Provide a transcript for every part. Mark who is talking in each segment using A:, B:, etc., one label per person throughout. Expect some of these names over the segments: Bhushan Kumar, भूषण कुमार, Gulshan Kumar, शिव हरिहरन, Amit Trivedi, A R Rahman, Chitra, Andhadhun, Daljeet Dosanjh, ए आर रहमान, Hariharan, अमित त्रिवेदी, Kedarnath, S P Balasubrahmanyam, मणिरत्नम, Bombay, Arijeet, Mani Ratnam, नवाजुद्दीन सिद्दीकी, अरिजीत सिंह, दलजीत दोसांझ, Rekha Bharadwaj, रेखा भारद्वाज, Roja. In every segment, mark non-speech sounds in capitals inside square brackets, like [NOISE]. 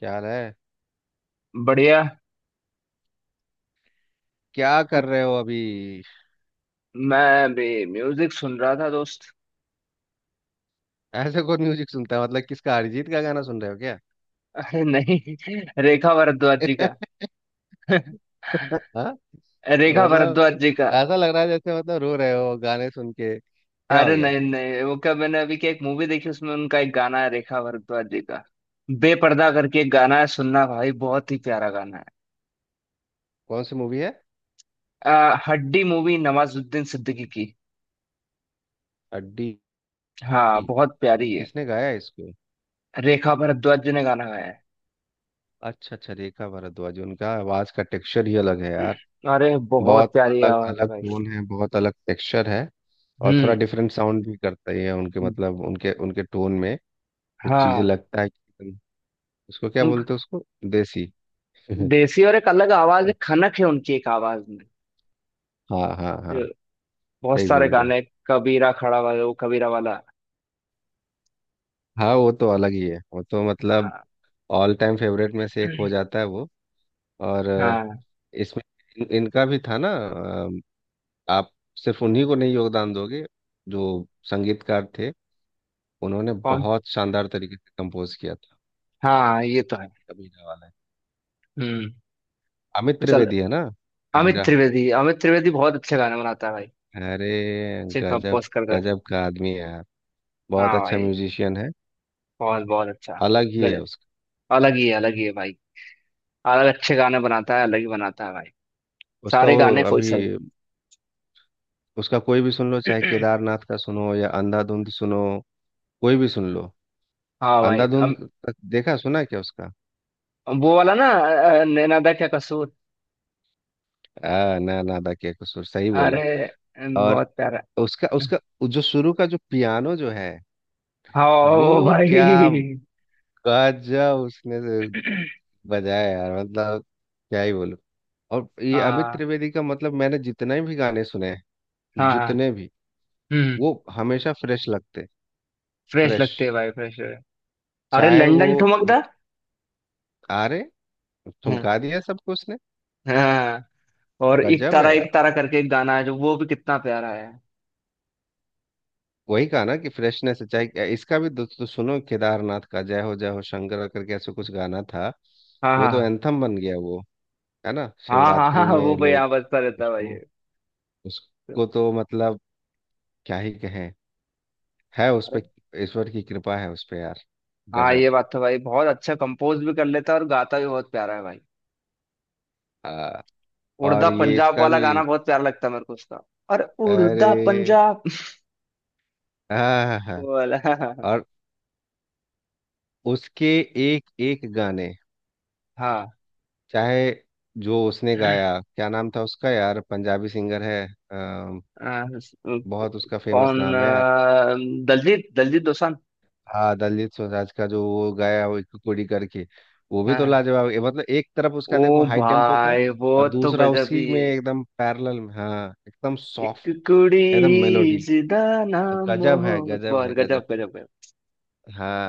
A: क्या हाल है?
B: बढ़िया।
A: क्या कर रहे हो अभी?
B: मैं भी म्यूजिक सुन रहा था दोस्त।
A: ऐसे कौन म्यूजिक सुनता है? मतलब किसका? अरिजीत का गाना सुन रहे हो क्या?
B: अरे नहीं। रेखा भारद्वाज जी का।
A: [LAUGHS] हाँ,
B: रेखा
A: मतलब
B: भारद्वाज जी का।
A: ऐसा लग रहा है जैसे मतलब रो रहे हो। गाने सुन के क्या हो
B: अरे
A: गया?
B: नहीं नहीं, वो क्या मैंने अभी क्या एक मूवी देखी उसमें उनका एक गाना है रेखा भारद्वाज जी का। बेपर्दा करके एक गाना है, सुनना भाई, बहुत ही प्यारा गाना है।
A: कौन सी मूवी है?
B: हड्डी मूवी नवाजुद्दीन सिद्दीकी की।
A: अड्डी?
B: हाँ बहुत प्यारी है।
A: किसने गाया है इसको?
B: रेखा भारद्वाज जी ने गाना गाया है।
A: अच्छा अच्छा, रेखा भारद्वाज। उनका आवाज का टेक्सचर ही अलग है यार।
B: अरे बहुत
A: बहुत
B: प्यारी
A: अलग
B: आवाज है
A: अलग
B: भाई।
A: टोन है, बहुत अलग टेक्सचर है। और थोड़ा
B: हम्म।
A: डिफरेंट साउंड भी करता ही है उनके, मतलब उनके उनके टोन में कुछ चीजें
B: हाँ।
A: लगता है कि उसको क्या बोलते हैं उसको। देसी। [LAUGHS]
B: देसी और एक अलग आवाज है, खनक है उनकी एक आवाज में,
A: हाँ हाँ हाँ,
B: जो बहुत
A: सही
B: सारे
A: बोल रहे हो।
B: गाने। कबीरा खड़ा वाला, वो कबीरा वाला। [CLEARS THROAT]
A: हाँ, वो तो अलग ही है, वो तो मतलब ऑल टाइम फेवरेट में से एक हो जाता है वो। और
B: हाँ हाँ।
A: इसमें इनका भी था ना। आप सिर्फ उन्हीं को नहीं योगदान दोगे जो संगीतकार थे। उन्होंने
B: कौन?
A: बहुत शानदार तरीके से कंपोज किया था।
B: हाँ ये तो है।
A: कबीरा वाला।
B: हम्म।
A: अमित
B: चल।
A: त्रिवेदी है ना।
B: अमित
A: कबीरा।
B: त्रिवेदी। अमित त्रिवेदी बहुत अच्छे गाने बनाता है भाई।
A: अरे
B: अच्छे
A: गजब,
B: कंपोज करता है।
A: गजब का आदमी है यार। बहुत
B: हाँ
A: अच्छा
B: भाई।
A: म्यूजिशियन है।
B: बहुत बहुत अच्छा।
A: अलग ही है
B: गजब।
A: उसका।
B: अलग ही है। अलग ही है भाई। अलग अच्छे गाने बनाता है, अलग ही बनाता है भाई।
A: उसका
B: सारे
A: वो
B: गाने कोई
A: अभी,
B: सब।
A: उसका कोई भी सुन लो, चाहे
B: [CLEARS THROAT]
A: केदारनाथ का सुनो या अंधाधुंध सुनो। कोई भी सुन लो।
B: हाँ भाई।
A: अंधाधुंध तक देखा सुना क्या उसका?
B: वो वाला ना, नैना दा क्या कसूर।
A: ना नादा के कसूर, सही बोला।
B: अरे
A: और
B: बहुत प्यारा।
A: उसका उसका जो शुरू का जो पियानो जो है,
B: हाँ
A: वो क्या
B: भाई।
A: गजब उसने बजाया यार। मतलब क्या ही बोलूं। और ये अमित
B: हाँ
A: त्रिवेदी का, मतलब मैंने जितने भी गाने सुने हैं,
B: हाँ। हाँ।
A: जितने भी,
B: हम्म।
A: वो हमेशा फ्रेश लगते।
B: फ्रेश
A: फ्रेश,
B: लगते हैं भाई, फ्रेश। अरे
A: चाहे वो।
B: लंदन ठुमकदा।
A: आरे,
B: हाँ।
A: ठुमका दिया सबको उसने।
B: हाँ। और
A: गजब है।
B: एक तारा करके एक गाना है, जो वो भी कितना प्यारा है।
A: वही कहा ना कि फ्रेशनेस चाहिए इसका भी। दोस्तों सुनो, केदारनाथ का जय हो शंकर करके ऐसे कुछ गाना था।
B: हाँ
A: वो तो
B: हाँ
A: एंथम बन गया वो, है ना?
B: हाँ हाँ, हाँ
A: शिवरात्रि
B: हाँ, वो
A: में
B: भाई
A: लोग,
B: यहाँ बजता रहता है भाई।
A: उसको
B: तो,
A: उसको तो मतलब क्या ही कहें। है उस
B: अरे।
A: पे, ईश्वर की कृपा है उस पे यार।
B: हाँ
A: गजब।
B: ये बात तो भाई, बहुत अच्छा कंपोज भी कर लेता है और गाता भी बहुत प्यारा है भाई।
A: आ, और
B: उड़दा
A: ये
B: पंजाब
A: इसका
B: वाला
A: भी
B: गाना बहुत प्यारा लगता है मेरे को उसका। और उड़दा
A: अरे,
B: पंजाब
A: हाँ।
B: [LAUGHS] वाला।
A: और उसके एक एक गाने,
B: हाँ।
A: चाहे जो उसने गाया। क्या नाम था उसका यार? पंजाबी सिंगर है,
B: अ,
A: बहुत उसका फेमस
B: कौन?
A: नाम है यार।
B: दलजीत दलजीत दोसांझ।
A: हाँ, दलजीत दोसांझ का जो वो गाया, वो एक कुड़ी करके। वो भी तो
B: हाँ।
A: लाजवाब है। मतलब एक तरफ उसका
B: ओ।
A: देखो हाई टेम्पो का,
B: भाई वो,
A: और
B: तो
A: दूसरा
B: गजब ही
A: उसी में
B: है।
A: एकदम पैरेलल में, हाँ, एकदम
B: एक
A: सॉफ्ट,
B: कुड़ी,
A: एकदम मेलोडी।
B: जिदा, नाम
A: गजब है,
B: मोहब्बत,
A: गजब
B: बहुत
A: है, गजब।
B: गजब, गजब, गजब।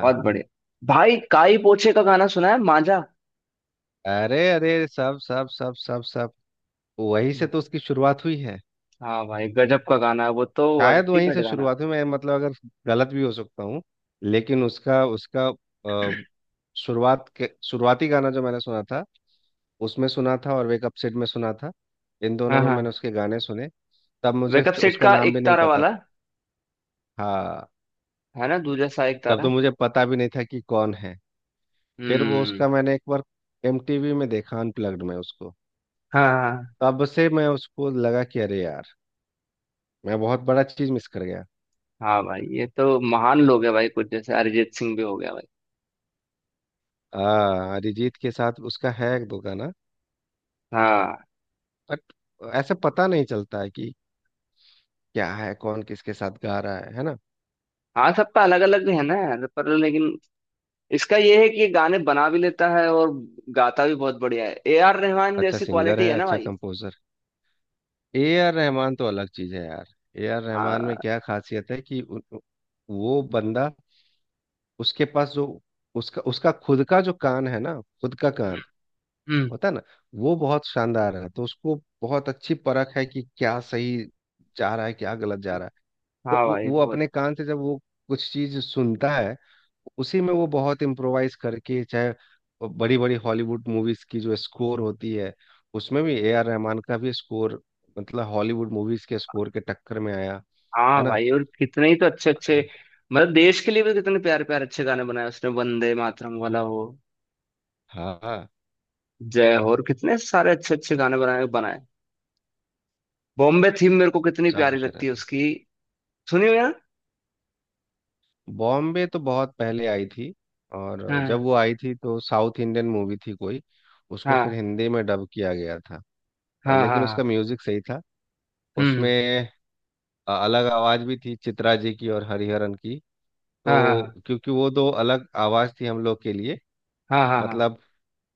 B: बहुत बढ़िया। भाई काई पोछे का गाना सुना है, मांझा।
A: अरे अरे, सब सब सब सब सब, वहीं से तो उसकी शुरुआत हुई है।
B: हाँ भाई, गजब का गाना है वो तो।
A: शायद वहीं
B: अल्टीमेट
A: से
B: गाना।
A: शुरुआत हुई, मैं मतलब अगर गलत भी हो सकता हूँ, लेकिन उसका उसका अ, शुरुआत के शुरुआती गाना जो मैंने सुना था, उसमें सुना था और वेक अप सिड में सुना था। इन दोनों
B: हाँ
A: में मैंने
B: हाँ।
A: उसके गाने सुने। तब मुझे
B: वेकअप सेट
A: उसका
B: का
A: नाम भी
B: एक
A: नहीं
B: तारा
A: पता था।
B: वाला।
A: हाँ,
B: है ना? दूजा सा एक
A: तब
B: तारा।
A: तो मुझे पता भी नहीं था कि कौन है। फिर वो
B: हम्म।
A: उसका मैंने एक बार एमटीवी में देखा, अनप्लग्ड में उसको।
B: हाँ हाँ।
A: तब से मैं उसको लगा कि अरे यार, मैं बहुत बड़ा चीज मिस कर गया।
B: हाँ भाई, ये तो महान लोग है भाई, कुछ जैसे अरिजीत सिंह भी हो गया भाई।
A: हाँ, अरिजीत के साथ उसका है एक दो गाना,
B: हाँ।
A: बट ऐसे पता नहीं चलता है कि क्या है, कौन किसके साथ गा रहा है ना?
B: हाँ सबका अलग अलग है ना। पर लेकिन इसका ये है कि ये गाने बना भी लेता है और गाता भी बहुत बढ़िया है, ए आर रहमान
A: अच्छा
B: जैसी
A: सिंगर
B: क्वालिटी
A: है,
B: है ना
A: अच्छा
B: भाई।
A: कंपोजर। ए आर रहमान तो अलग चीज है यार। ए आर रहमान में
B: हाँ।
A: क्या खासियत है कि उ, उ- वो बंदा, उसके पास जो उसका उसका खुद का जो कान है ना, खुद का कान
B: हम्म।
A: होता है ना, वो बहुत शानदार है। तो उसको बहुत अच्छी परख है कि क्या सही जा रहा है, क्या गलत जा रहा है। तो
B: हाँ
A: वो
B: भाई
A: वो
B: बहुत।
A: अपने कान से जब वो कुछ चीज सुनता है, उसी में वो बहुत इम्प्रोवाइज करके, चाहे बड़ी बड़ी हॉलीवुड मूवीज की जो स्कोर होती है, उसमें भी ए आर रहमान का भी स्कोर, मतलब हॉलीवुड मूवीज के स्कोर के टक्कर में आया, है
B: हाँ
A: ना?
B: भाई, और कितने ही तो अच्छे अच्छे।
A: अरे
B: मतलब देश के लिए भी कितने प्यारे प्यारे अच्छे गाने बनाए उसने, वंदे मातरम वाला हो,
A: हाँ,
B: जय हो, और कितने सारे अच्छे अच्छे गाने बनाए बनाए। बॉम्बे थीम मेरे को कितनी
A: सब
B: प्यारी
A: होते
B: लगती है
A: रहते हैं।
B: उसकी। सुनी हुई है ना?
A: बॉम्बे तो बहुत पहले आई थी, और
B: हाँ
A: जब वो आई थी तो साउथ इंडियन मूवी थी कोई, उसको फिर
B: हाँ
A: हिंदी में डब किया गया था। और
B: हाँ
A: लेकिन
B: हाँ।
A: उसका म्यूजिक सही था।
B: हम्म।
A: उसमें अलग आवाज भी थी, चित्रा जी की और हरिहरन की।
B: हाँ। हम्म। हाँ हाँ
A: तो क्योंकि वो दो अलग आवाज थी हम लोग के लिए।
B: हाँ हाँ हाँ हाँ।
A: मतलब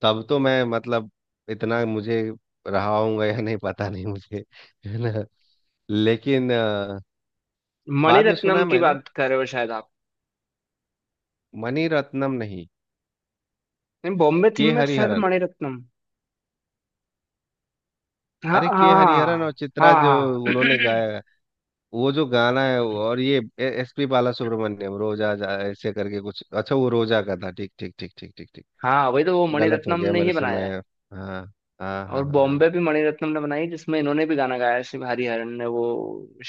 A: तब तो मैं, मतलब इतना मुझे रहा हूँगा या नहीं पता नहीं मुझे, [LAUGHS] है ना। लेकिन बाद में
B: मणिरत्नम
A: सुना
B: की
A: मैंने।
B: बात कर रहे हो शायद आप।
A: मणि रत्नम नहीं,
B: नहीं, बॉम्बे थीम
A: के
B: में तो शायद
A: हरिहरन।
B: मणिरत्नम। हाँ
A: अरे के हरिहरन और
B: हाँ
A: चित्रा,
B: हाँ
A: जो
B: हाँ।
A: उन्होंने गाया
B: [CLEARS THROAT]
A: है, वो जो गाना है और ये एस पी बाला सुब्रमण्यम, रोजा जा ऐसे करके कुछ अच्छा, वो रोजा का था। ठीक ठीक ठीक ठीक ठीक ठीक।
B: हाँ वही तो, वो
A: गलत हो
B: मणिरत्नम
A: गया
B: ने
A: मेरे
B: ही
A: से,
B: बनाया
A: मैं,
B: है।
A: हाँ हाँ
B: और
A: हाँ
B: बॉम्बे भी मणिरत्नम ने बनाई, जिसमें इन्होंने भी गाना गाया है, शिव हरिहरन ने वो।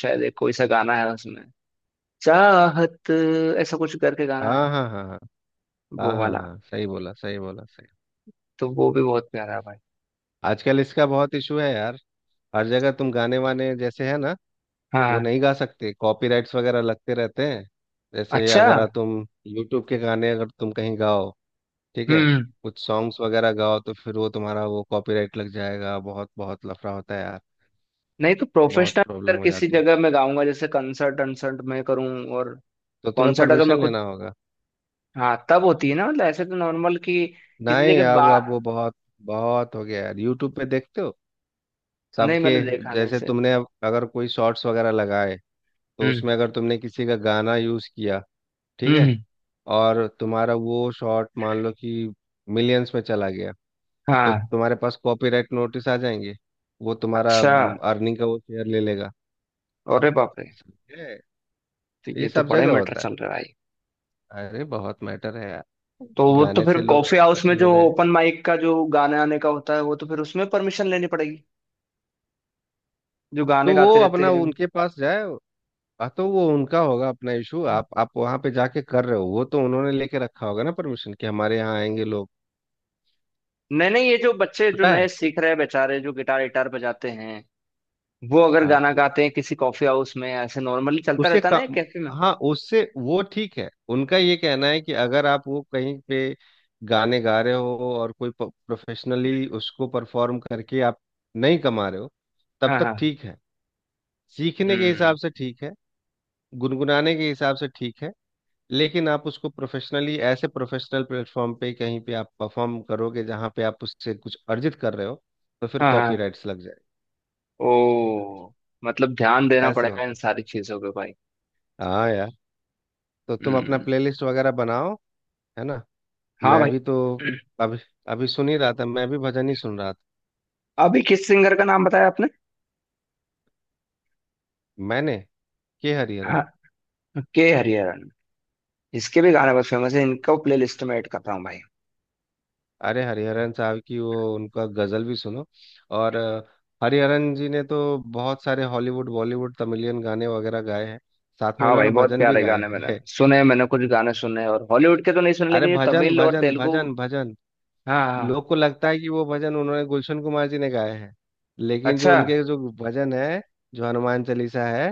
B: शायद एक कोई सा गाना है उसमें, चाहत, ऐसा कुछ करके गाना है।
A: हाँ हाँ हाँ हाँ हाँ
B: वो
A: हाँ हाँ हाँ
B: वाला।
A: हाँ, सही बोला, सही बोला, सही।
B: तो वो भी बहुत प्यारा है भाई।
A: आजकल इसका बहुत इशू है यार। हर जगह तुम गाने वाने जैसे, है ना, वो
B: हाँ।
A: नहीं गा सकते। कॉपीराइट्स वगैरह लगते रहते हैं। जैसे
B: अच्छा।
A: अगर तुम यूट्यूब के गाने अगर तुम कहीं गाओ, ठीक है,
B: हम्म।
A: कुछ सॉन्ग्स वगैरह गाओ, तो फिर वो तुम्हारा वो कॉपीराइट लग जाएगा। बहुत बहुत लफड़ा होता है यार।
B: नहीं तो
A: बहुत
B: प्रोफेशनल अगर
A: प्रॉब्लम हो
B: किसी
A: जाती।
B: जगह में गाऊंगा, जैसे कंसर्ट अनसर्ट में करूँ। और
A: तो तुम्हें
B: कॉन्सर्ट अगर मैं
A: परमिशन
B: खुद,
A: लेना होगा।
B: हाँ तब होती है ना, मतलब ऐसे तो नॉर्मल कि किसी
A: नहीं,
B: जगह
A: अब वो
B: बार।
A: बहुत बहुत हो गया यार, यूट्यूब पे देखते हो
B: नहीं
A: सबके।
B: मैंने देखा नहीं
A: जैसे
B: इसे।
A: तुमने अब अगर कोई शॉर्ट्स वगैरह लगाए, तो
B: हम्म।
A: उसमें अगर तुमने किसी का गाना यूज़ किया, ठीक है,
B: हम्म।
A: और तुम्हारा वो शॉर्ट मान लो कि मिलियंस में चला गया, तो
B: हाँ।
A: तुम्हारे पास कॉपीराइट नोटिस आ जाएंगे। वो तुम्हारा
B: अच्छा।
A: अर्निंग का वो शेयर ले लेगा।
B: अरे बाप रे।
A: है,
B: तो
A: ये
B: ये तो
A: सब
B: बड़े
A: जगह
B: मैटर
A: होता
B: चल रहा है भाई।
A: है। अरे बहुत मैटर है यार,
B: तो वो तो
A: गाने
B: फिर
A: से लोग
B: कॉफी हाउस में
A: अरबपति हो
B: जो
A: गए।
B: ओपन माइक का जो गाने आने का होता है, वो तो फिर उसमें परमिशन लेनी पड़ेगी। जो गाने
A: तो वो
B: गाते रहते
A: अपना
B: हैं।
A: उनके पास जाए। हाँ तो वो उनका होगा अपना इशू। आप वहां पे जाके कर रहे हो, वो तो उन्होंने लेके रखा होगा ना परमिशन कि हमारे यहाँ आएंगे लोग।
B: नहीं नहीं, ये जो बच्चे जो
A: पता
B: नए
A: है।
B: सीख रहे हैं बेचारे जो गिटार गिटार बजाते हैं, वो अगर
A: हाँ
B: गाना गाते हैं किसी कॉफी हाउस में, ऐसे नॉर्मली चलता
A: उससे
B: रहता
A: का,
B: ना, कैफे में।
A: हाँ उससे वो ठीक है। उनका ये कहना है कि अगर आप वो कहीं पे गाने गा रहे हो और कोई प्रोफेशनली उसको परफॉर्म करके आप नहीं कमा रहे हो, तब
B: हाँ
A: तक
B: हाँ।
A: ठीक है। सीखने के
B: हम्म।
A: हिसाब से ठीक है, गुनगुनाने के हिसाब से ठीक है। लेकिन आप उसको प्रोफेशनली ऐसे प्रोफेशनल प्लेटफॉर्म पे कहीं पे आप परफॉर्म करोगे जहाँ पे आप उससे कुछ अर्जित कर रहे हो, तो फिर
B: हाँ हाँ।
A: कॉपीराइट्स लग जाएंगे।
B: ओ। मतलब ध्यान देना
A: ऐसे
B: पड़ेगा इन
A: होते हैं।
B: सारी चीजों पे भाई।
A: हाँ यार, तो तुम अपना
B: हम्म।
A: प्लेलिस्ट वगैरह बनाओ, है ना?
B: हाँ
A: मैं
B: भाई।
A: भी तो
B: [CLEARS THROAT]
A: अभी अभी सुन ही रहा था, मैं भी भजन ही सुन रहा था।
B: अभी किस सिंगर का नाम बताया आपने?
A: मैंने, के हरिहरन।
B: के हरिहरन। इसके भी गाने बहुत फेमस है, इनको प्ले लिस्ट में ऐड कर रहा हूँ भाई।
A: अरे हरिहरन साहब की वो, उनका गजल भी सुनो। और हरिहरन जी ने तो बहुत सारे हॉलीवुड बॉलीवुड तमिलियन गाने वगैरह गाए हैं। साथ में
B: हाँ भाई
A: उन्होंने
B: बहुत
A: भजन भी
B: प्यारे
A: गाए
B: गाने मैंने
A: हैं।
B: सुने, मैंने कुछ गाने सुने और हॉलीवुड के तो नहीं सुने,
A: अरे
B: लेकिन ये
A: भजन
B: तमिल और
A: भजन
B: तेलुगु।
A: भजन भजन,
B: हाँ हाँ।
A: लोग को लगता है कि वो भजन उन्होंने, गुलशन कुमार जी ने गाए हैं। लेकिन जो
B: अच्छा।
A: उनके जो भजन है, जो हनुमान चालीसा है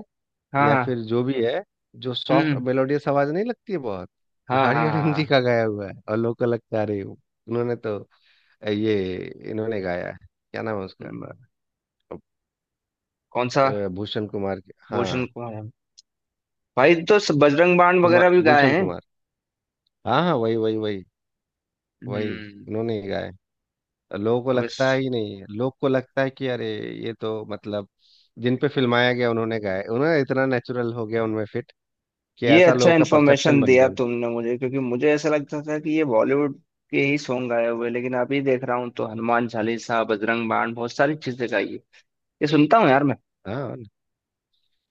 B: हाँ
A: या
B: हाँ।
A: फिर जो भी है, जो सॉफ्ट
B: हम्म।
A: मेलोडियस आवाज नहीं लगती है बहुत, वो
B: हाँ हाँ
A: हरि
B: हाँ
A: हरिन जी
B: हाँ।
A: का गाया हुआ है। और लोग को लगता है अरे उन्होंने तो, ये, इन्होंने गाया है। क्या नाम है उसका?
B: हम्म, कौन सा?
A: भूषण कुमार के,
B: भूषण
A: हाँ,
B: कुमार है? भाई तो बजरंग बाण वगैरह
A: कुमार,
B: भी गाए
A: गुलशन
B: हैं।
A: कुमार। हाँ हाँ वही वही वही वही,
B: हम्म।
A: उन्होंने ही गाया है। लोगों को
B: अब इस,
A: लगता है ही नहीं है। लोग को लगता है कि अरे ये तो मतलब, जिन पे फिल्माया गया उन्होंने गाया, उन्होंने इतना नेचुरल हो गया उनमें फिट, कि
B: ये
A: ऐसा
B: अच्छा
A: लोगों का परसेप्शन
B: इन्फॉर्मेशन
A: बन
B: दिया
A: गया उनका।
B: तुमने मुझे, क्योंकि मुझे ऐसा लगता था कि ये बॉलीवुड के ही सॉन्ग गाए हुए, लेकिन अभी देख रहा हूँ तो हनुमान चालीसा, बजरंग बाण, बहुत सारी चीजें गाई है। ये सुनता हूँ यार मैं।
A: हाँ,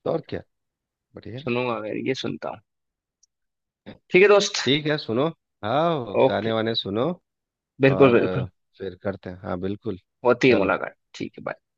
A: तो और क्या, बढ़िया।
B: सुनूंगा मैं ये सुनता हूँ। ठीक है दोस्त।
A: ठीक है, सुनो, हाँ
B: ओके।
A: गाने वाने सुनो।
B: बिल्कुल
A: और
B: बिल्कुल।
A: फिर करते हैं, हाँ बिल्कुल।
B: होती है
A: चलो।
B: मुलाकात, ठीक है, bye।